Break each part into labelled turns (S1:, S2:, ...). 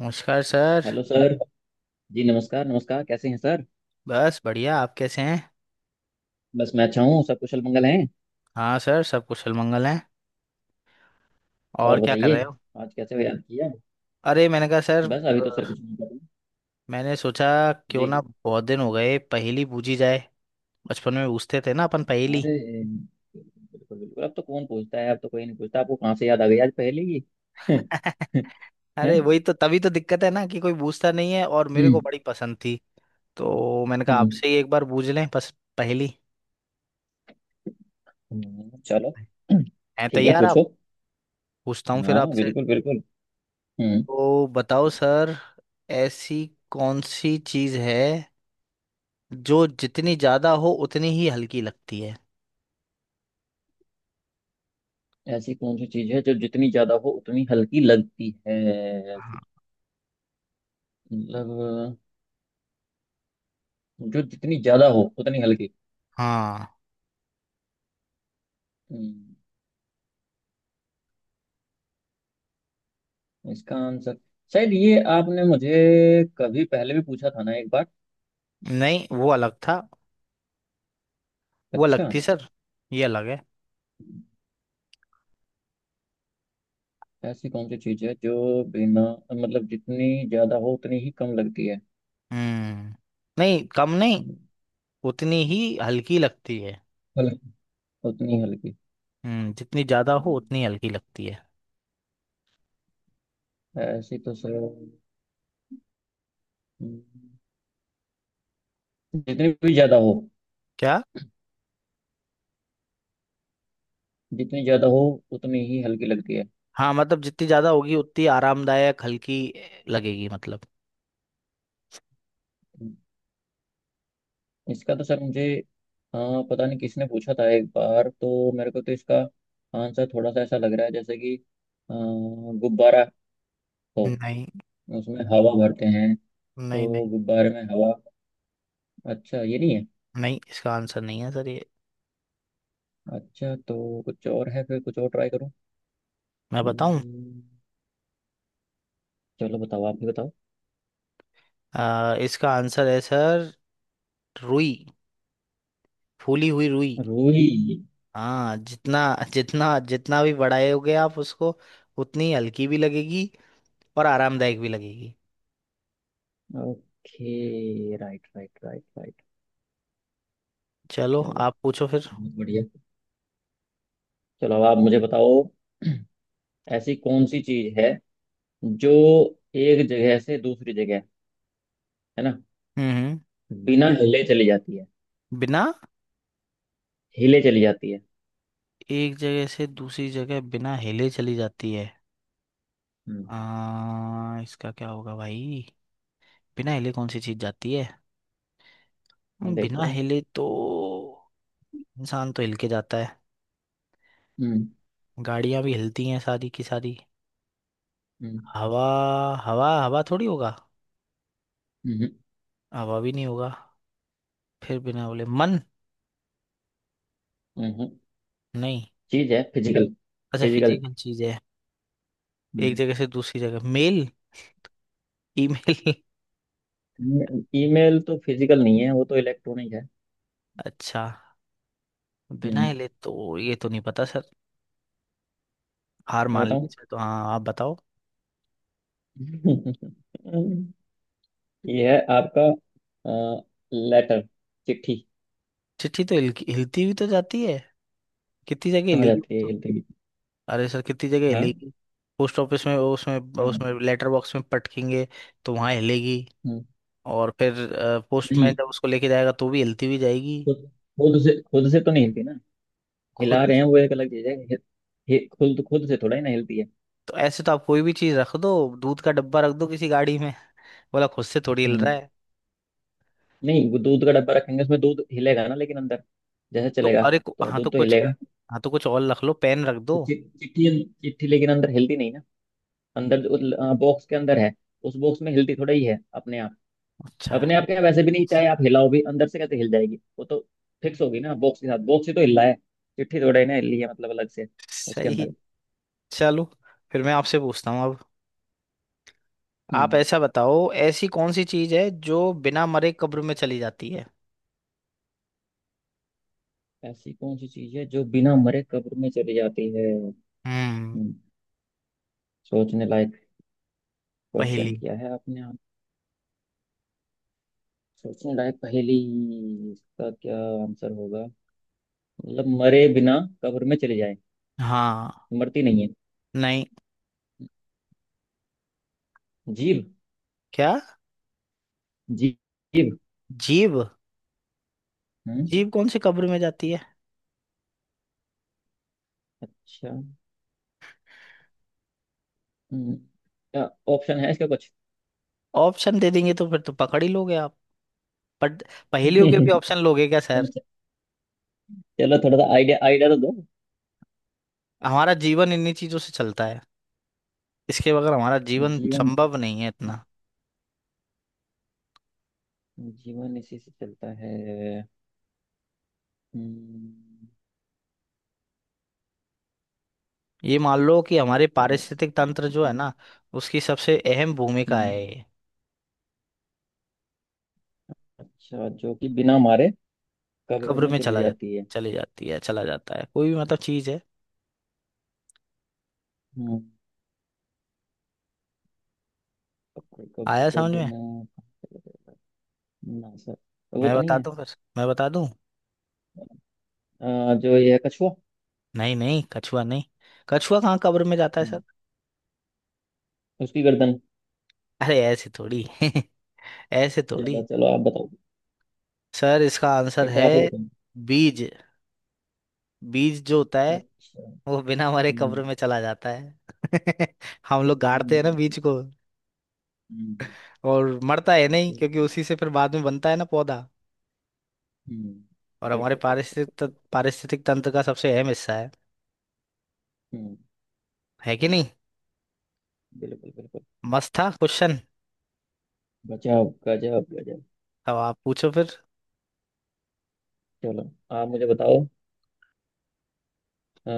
S1: नमस्कार sir.
S2: Hello sir. जी, नमस्कार नमस्कार, कैसे हैं सर?
S1: बस बढ़िया, आप कैसे हैं?
S2: बस मैं अच्छा हूँ, सब कुशल मंगल हैं।
S1: हाँ सर, सब कुशल मंगल हैं। और
S2: और
S1: क्या कर
S2: बताइए,
S1: रहे हो?
S2: आज कैसे याद किया?
S1: अरे मैंने कहा सर,
S2: बस अभी
S1: अ,
S2: तो सर कुछ नहीं कर रहे।
S1: मैंने सोचा
S2: जी।
S1: क्यों ना, बहुत दिन हो गए पहेली पूछी जाए। बचपन में पूछते थे ना अपन पहेली।
S2: अरे बिल्कुल बिल्कुल, अब तो कौन पूछता है, अब तो कोई नहीं पूछता। आपको कहाँ से याद आ गई आज पहले ही?
S1: अरे
S2: हैं?
S1: वही तो, तभी तो दिक्कत है ना कि कोई पूछता नहीं है, और मेरे को
S2: हम्म।
S1: बड़ी पसंद थी। तो मैंने कहा
S2: हम्म,
S1: आपसे ही एक बार पूछ लें बस। पहेली।
S2: चलो,
S1: हैं?
S2: ठीक है,
S1: तैयार आप?
S2: पूछो।
S1: पूछता हूँ फिर
S2: हाँ
S1: आपसे।
S2: बिल्कुल बिल्कुल। हम्म।
S1: तो बताओ सर, ऐसी कौन सी चीज़ है जो जितनी ज्यादा हो उतनी ही हल्की लगती है?
S2: ऐसी कौन सी चीज़ है जो जितनी ज्यादा हो उतनी हल्की लगती है?
S1: हाँ।
S2: मतलब, जो जितनी ज्यादा हो उतनी हल्की।
S1: हाँ।
S2: हम्म, इसका आंसर शायद ये आपने मुझे कभी पहले भी पूछा था ना एक बार।
S1: नहीं, वो अलग था। वो अलग
S2: अच्छा।
S1: थी सर, ये अलग है।
S2: ऐसी कौन सी चीज है जो बिना मतलब जितनी ज्यादा हो उतनी ही कम लगती है?
S1: हम्म, नहीं, कम नहीं, उतनी ही हल्की लगती है।
S2: हल- उतनी हल्की।
S1: हम्म, जितनी ज्यादा हो
S2: हम्म,
S1: उतनी हल्की लगती है।
S2: ऐसी तो सर, जितनी भी ज्यादा हो,
S1: क्या?
S2: जितनी ज्यादा हो उतनी ही हल्की लगती है।
S1: हाँ, मतलब जितनी ज्यादा होगी उतनी आरामदायक हल्की लगेगी, मतलब।
S2: हम्म, इसका तो सर मुझे, हाँ पता नहीं किसने पूछा था एक बार, तो मेरे को तो इसका आंसर थोड़ा सा ऐसा लग रहा है जैसे कि अ, गुब्बारा हो,
S1: नहीं,
S2: उसमें हवा भरते हैं,
S1: नहीं।
S2: तो
S1: नहीं,
S2: गुब्बारे में हवा। अच्छा ये नहीं है?
S1: नहीं इसका आंसर नहीं है सर, ये।
S2: अच्छा, तो कुछ और है, फिर कुछ और ट्राई करूँ?
S1: मैं बताऊं?
S2: हम्म, चलो बताओ, आप भी बताओ।
S1: इसका आंसर है सर, रुई। फूली हुई रुई।
S2: रूई।
S1: हाँ, जितना जितना जितना भी बढ़ाओगे आप उसको, उतनी हल्की भी लगेगी और आरामदायक भी लगेगी।
S2: Okay, right right right right.
S1: चलो
S2: चलो,
S1: आप पूछो फिर।
S2: बहुत बढ़िया। चलो, अब आप मुझे बताओ, ऐसी कौन सी चीज है जो एक जगह से दूसरी जगह, है ना,
S1: हम्म।
S2: बिना हिले चली जाती है?
S1: बिना,
S2: हिले चली जाती है।
S1: एक जगह से दूसरी जगह बिना हिले चली जाती है।
S2: हम्म।
S1: इसका क्या होगा भाई, बिना हिले कौन सी चीज जाती है? बिना
S2: देखो।
S1: हिले तो इंसान तो हिल के जाता है।
S2: हम्म।
S1: गाड़ियां भी हिलती हैं सारी की सारी।
S2: हम्म।
S1: हवा। हवा थोड़ी होगा।
S2: हम्म।
S1: हवा भी नहीं होगा। फिर बिना बोले मन,
S2: हम्म। हम्म।
S1: नहीं।
S2: चीज है फिजिकल।
S1: अच्छा,
S2: फिजिकल।
S1: फिजिकल चीज है। एक
S2: हम्म
S1: जगह से दूसरी जगह मेल, ईमेल।
S2: ईमेल तो फिजिकल नहीं है, वो तो इलेक्ट्रॉनिक है।
S1: अच्छा, बिना
S2: हम्म
S1: हिले तो ये तो नहीं पता सर। हार
S2: मैं
S1: मान ली
S2: बताऊं।
S1: सर, तो हाँ आप बताओ।
S2: ये है आपका लेटर। चिट्ठी।
S1: चिट्ठी तो हिलती हुई तो जाती है, कितनी जगह
S2: कहाँ
S1: हिलेगी वो
S2: जाती है
S1: तो।
S2: हिलती हुई?
S1: अरे सर कितनी जगह
S2: हाँ।
S1: हिलेगी, पोस्ट ऑफिस में, उसमें
S2: क्या?
S1: उसमें लेटर बॉक्स में पटकेंगे तो वहाँ हिलेगी।
S2: हम्म,
S1: और फिर पोस्टमैन
S2: नहीं,
S1: जब उसको लेके जाएगा तो भी हिलती हुई जाएगी।
S2: खुद खुद से तो नहीं हिलती ना।
S1: खुद।
S2: हिला रहे हैं वो एक अलग चीज है। खुद खुद से थोड़ा ही ना हिलती है।
S1: तो ऐसे तो आप कोई भी चीज़ रख दो, दूध का डब्बा रख दो किसी गाड़ी में, बोला खुद से थोड़ी हिल
S2: हम्म।
S1: रहा है।
S2: नहीं, वो दूध का डब्बा रखेंगे, उसमें दूध हिलेगा ना, लेकिन अंदर। जैसे
S1: तो
S2: चलेगा
S1: अरे
S2: तो
S1: हाँ तो
S2: दूध तो
S1: कुछ,
S2: हिलेगा।
S1: हाँ तो कुछ और रख लो, पेन रख
S2: तो
S1: दो।
S2: चिट्ठी। चिट्ठी लेकिन अंदर हिलती नहीं ना। अंदर, बॉक्स के अंदर है। उस बॉक्स में हिलती थोड़ा ही है अपने आप।
S1: अच्छा।
S2: अपने आप क्या, वैसे भी नहीं, चाहे आप हिलाओ भी अंदर से कैसे हिल जाएगी वो तो। फिक्स होगी ना बॉक्स के साथ, बॉक्स ही तो हिल रहा है। चिट्ठी थोड़ा ही ना हिल रही है, मतलब अलग से, उसके
S1: सही है।
S2: अंदर।
S1: चलो, फिर मैं आपसे पूछता हूँ अब। आप
S2: हम्म।
S1: ऐसा बताओ, ऐसी कौन सी चीज है जो बिना मरे कब्र में चली जाती है?
S2: ऐसी कौन सी चीज है जो बिना मरे कब्र में चली जाती है?
S1: हम्म।
S2: सोचने लायक क्वेश्चन
S1: पहेली।
S2: किया है आपने, आप। सोचने लायक पहेली। इसका क्या आंसर होगा? मतलब, मरे बिना कब्र में चले जाए,
S1: हाँ।
S2: मरती नहीं है।
S1: नहीं।
S2: जीव।
S1: क्या?
S2: जीव। जीव।
S1: जीव।
S2: हम्म।
S1: जीव कौन सी कब्र में जाती है?
S2: अच्छा। हम्म, क्या ऑप्शन है इसका कुछ?
S1: ऑप्शन दे देंगे तो फिर तो पकड़ ही लोगे आप, बट पहेलियों के भी ऑप्शन लोगे क्या सर?
S2: चलो। च- चलो, थोड़ा सा आइडिया आइडिया तो दो।
S1: हमारा जीवन इन्हीं चीजों से चलता है, इसके बगैर हमारा जीवन
S2: जीवन,
S1: संभव नहीं है इतना।
S2: जीवन इसी से चलता है। हम्म,
S1: ये मान लो कि हमारे
S2: ऐस-
S1: पारिस्थितिक तंत्र जो है ना, उसकी सबसे अहम भूमिका
S2: हम्म,
S1: है ये।
S2: अच्छा, जो कि बिना मारे कब्र
S1: कब्र
S2: में
S1: में
S2: चली
S1: चला जा,
S2: जाती है।
S1: चली जाती है, चला जाता है, कोई भी मतलब चीज है।
S2: हम्म, कब्र कब्र
S1: आया समझ
S2: कब्र
S1: में?
S2: में कहाँ चले जाता है, ना सर? वो
S1: मैं
S2: तो नहीं
S1: बता
S2: है।
S1: दूं, फिर मैं बता दूं।
S2: जो ये है कछुआ।
S1: नहीं नहीं, कछुआ नहीं। कछुआ कहाँ कब्र में जाता है
S2: हम्म,
S1: सर?
S2: उसकी गर्दन।
S1: अरे ऐसे थोड़ी। ऐसे
S2: चलो
S1: थोड़ी।
S2: चलो, आप बताओ।
S1: सर इसका आंसर
S2: फिर तो
S1: है,
S2: आप ही बताओ।
S1: बीज। बीज जो होता है,
S2: अच्छा।
S1: वो बिना मरे
S2: हम्म।
S1: कब्र में चला जाता है। हम लोग गाड़ते हैं ना
S2: हम्म।
S1: बीज को। और मरता है नहीं, क्योंकि
S2: हम्म।
S1: उसी से फिर बाद में बनता है ना पौधा। और हमारे
S2: बिल्कुल बिल्कुल।
S1: पारिस्थितिक तंत्र का सबसे अहम हिस्सा है
S2: हम्म
S1: है कि नहीं?
S2: बिल्कुल बिल्कुल।
S1: मस्त था क्वेश्चन।
S2: गजब गजब गजब।
S1: अब आप पूछो फिर।
S2: चलो, आप मुझे बताओ। अ,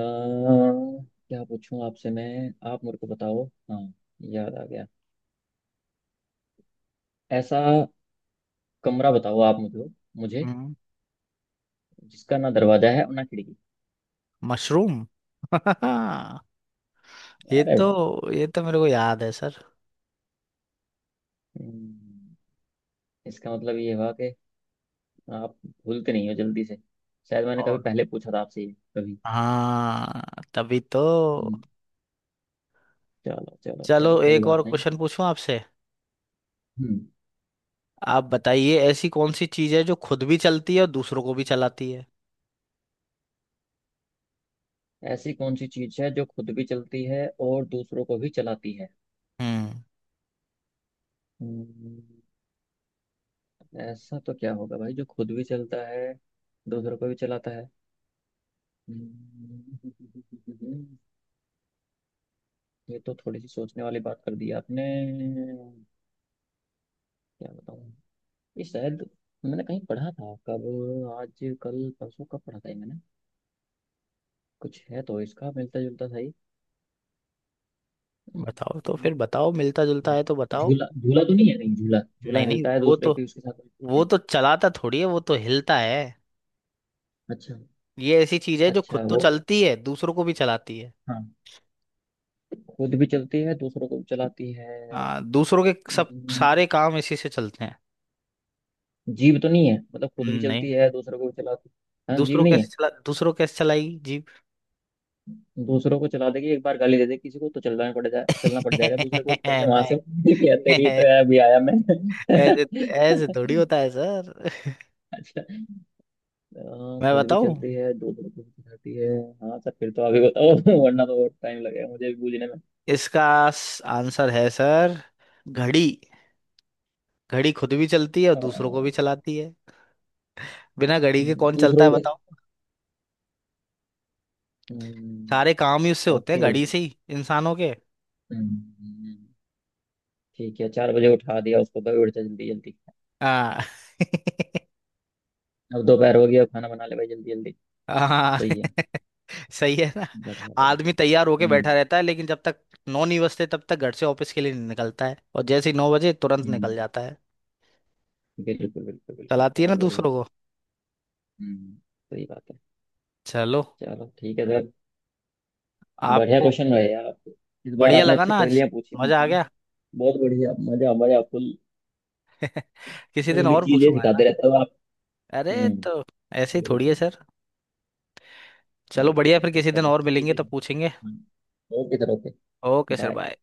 S2: क्या पूछूं आपसे मैं? आप मेरे को बताओ। हाँ, याद आ गया। ऐसा कमरा बताओ आप मुझे, मुझे
S1: हम्म,
S2: जिसका ना दरवाजा है और ना खिड़की।
S1: मशरूम। ये
S2: अरे वाह।
S1: तो, ये तो मेरे को याद है सर।
S2: हम्म, इसका मतलब ये हुआ कि आप भूलते नहीं हो जल्दी से। शायद मैंने कभी
S1: और
S2: पहले पूछा था आपसे ये कभी।
S1: हाँ, तभी तो।
S2: हम्म, चलो चलो
S1: चलो
S2: चलो, कोई
S1: एक
S2: बात
S1: और
S2: नहीं।
S1: क्वेश्चन पूछूं आपसे।
S2: हम्म।
S1: आप बताइए, ऐसी कौन सी चीज है जो खुद भी चलती है और दूसरों को भी चलाती है?
S2: ऐसी कौन सी चीज है जो खुद भी चलती है और दूसरों को भी चलाती है?
S1: हम्म।
S2: हम्म, ऐसा तो क्या होगा भाई, जो खुद भी चलता है, दूसरों को भी चलाता है। हम्म, ये तो थोड़ी सी सोचने वाली बात कर दी आपने। क्या बताऊं? ये शायद मैंने कहीं पढ़ा था, कब, आज कल परसों, कब पढ़ा था ये मैंने? कुछ है तो इसका मिलता जुलता था ही।
S1: बताओ तो
S2: हम्म,
S1: फिर, बताओ, मिलता जुलता है तो बताओ।
S2: झूला, झूला तो नहीं है, नहीं झूला, झूला
S1: नहीं नहीं,
S2: हिलता है,
S1: वो
S2: दूसरे
S1: तो,
S2: पे उसके साथ हिलते
S1: वो
S2: हैं।
S1: तो चलाता थोड़ी है, वो तो हिलता है।
S2: अच्छा।
S1: ये ऐसी चीज है जो
S2: अच्छा
S1: खुद तो
S2: वो,
S1: चलती है, दूसरों को भी चलाती है।
S2: हाँ, खुद भी चलती है दूसरों को भी चलाती है।
S1: हाँ, दूसरों के सब,
S2: हम्म,
S1: सारे काम इसी से चलते हैं।
S2: जीभ तो नहीं है, मतलब खुद भी
S1: नहीं,
S2: चलती है दूसरों को भी चलाती है? हाँ, जीभ
S1: दूसरों
S2: नहीं
S1: कैसे
S2: है।
S1: चला, दूसरों कैसे चलाएगी जीप?
S2: दूसरों को चला देगी, एक बार गाली दे दे किसी को तो चलना पड़ जाए, चलना पड़ जाएगा दूसरे को, उठ करके वहां से।
S1: नहीं,
S2: क्या तेरी
S1: ऐसे,
S2: तो है, अभी आया मैं।
S1: ऐसे थोड़ी होता है सर।
S2: अच्छा। हाँ,
S1: मैं
S2: खुद भी
S1: बताऊं?
S2: चलती है दूसरों को भी चलाती है। हाँ सर, फिर तो अभी बताओ। वरना तो टाइम लगेगा मुझे भी बूझने में।
S1: इसका आंसर है सर, घड़ी। घड़ी खुद भी चलती है और दूसरों को भी
S2: हाँ।
S1: चलाती है। बिना घड़ी के कौन चलता है
S2: दूसरों को।
S1: बताओ? सारे काम ही उससे होते हैं,
S2: ओके,
S1: घड़ी से ही इंसानों के।
S2: ठीक है। 4 बजे उठा दिया उसको, भाई उठ जा जल्दी जल्दी।
S1: हाँ।
S2: अब दोपहर हो गया, खाना बना ले भाई जल्दी जल्दी।
S1: हाँ।
S2: सही है।
S1: सही है ना?
S2: बढ़िया बढ़िया।
S1: आदमी तैयार होके बैठा
S2: हम्म।
S1: रहता है, लेकिन जब तक 9 नहीं बजते तब तक घर से ऑफिस के लिए नहीं निकलता है, और जैसे ही 9 बजे तुरंत
S2: हम्म
S1: निकल जाता है।
S2: बिल्कुल बिल्कुल बिल्कुल,
S1: चलाती है ना
S2: बहुत बढ़िया।
S1: दूसरों को?
S2: हम्म। सही बात है।
S1: चलो।
S2: चलो ठीक है सर। बढ़िया
S1: आपको।
S2: क्वेश्चन रहे यार आपके। इस बार
S1: बढ़िया
S2: आपने
S1: लगा
S2: अच्छी
S1: ना आज,
S2: पहेलियां पूछी
S1: मजा आ
S2: मुझसे।
S1: गया।
S2: बहुत बढ़िया, मजा मजा फुल।
S1: किसी
S2: नई
S1: दिन
S2: नई
S1: और
S2: चीजें
S1: पूछूंगा, है ना?
S2: सिखाते रहते हो आप।
S1: अरे
S2: हम्म।
S1: तो ऐसे ही थोड़ी है
S2: बिल्कुल।
S1: सर। चलो
S2: बिल्कुल
S1: बढ़िया, फिर
S2: बिल्कुल,
S1: किसी दिन
S2: चलो
S1: और
S2: ठीक
S1: मिलेंगे
S2: है
S1: तो
S2: सर।
S1: पूछेंगे।
S2: हाँ, okay sir, okay.
S1: Okay sir,
S2: bye.
S1: Bye.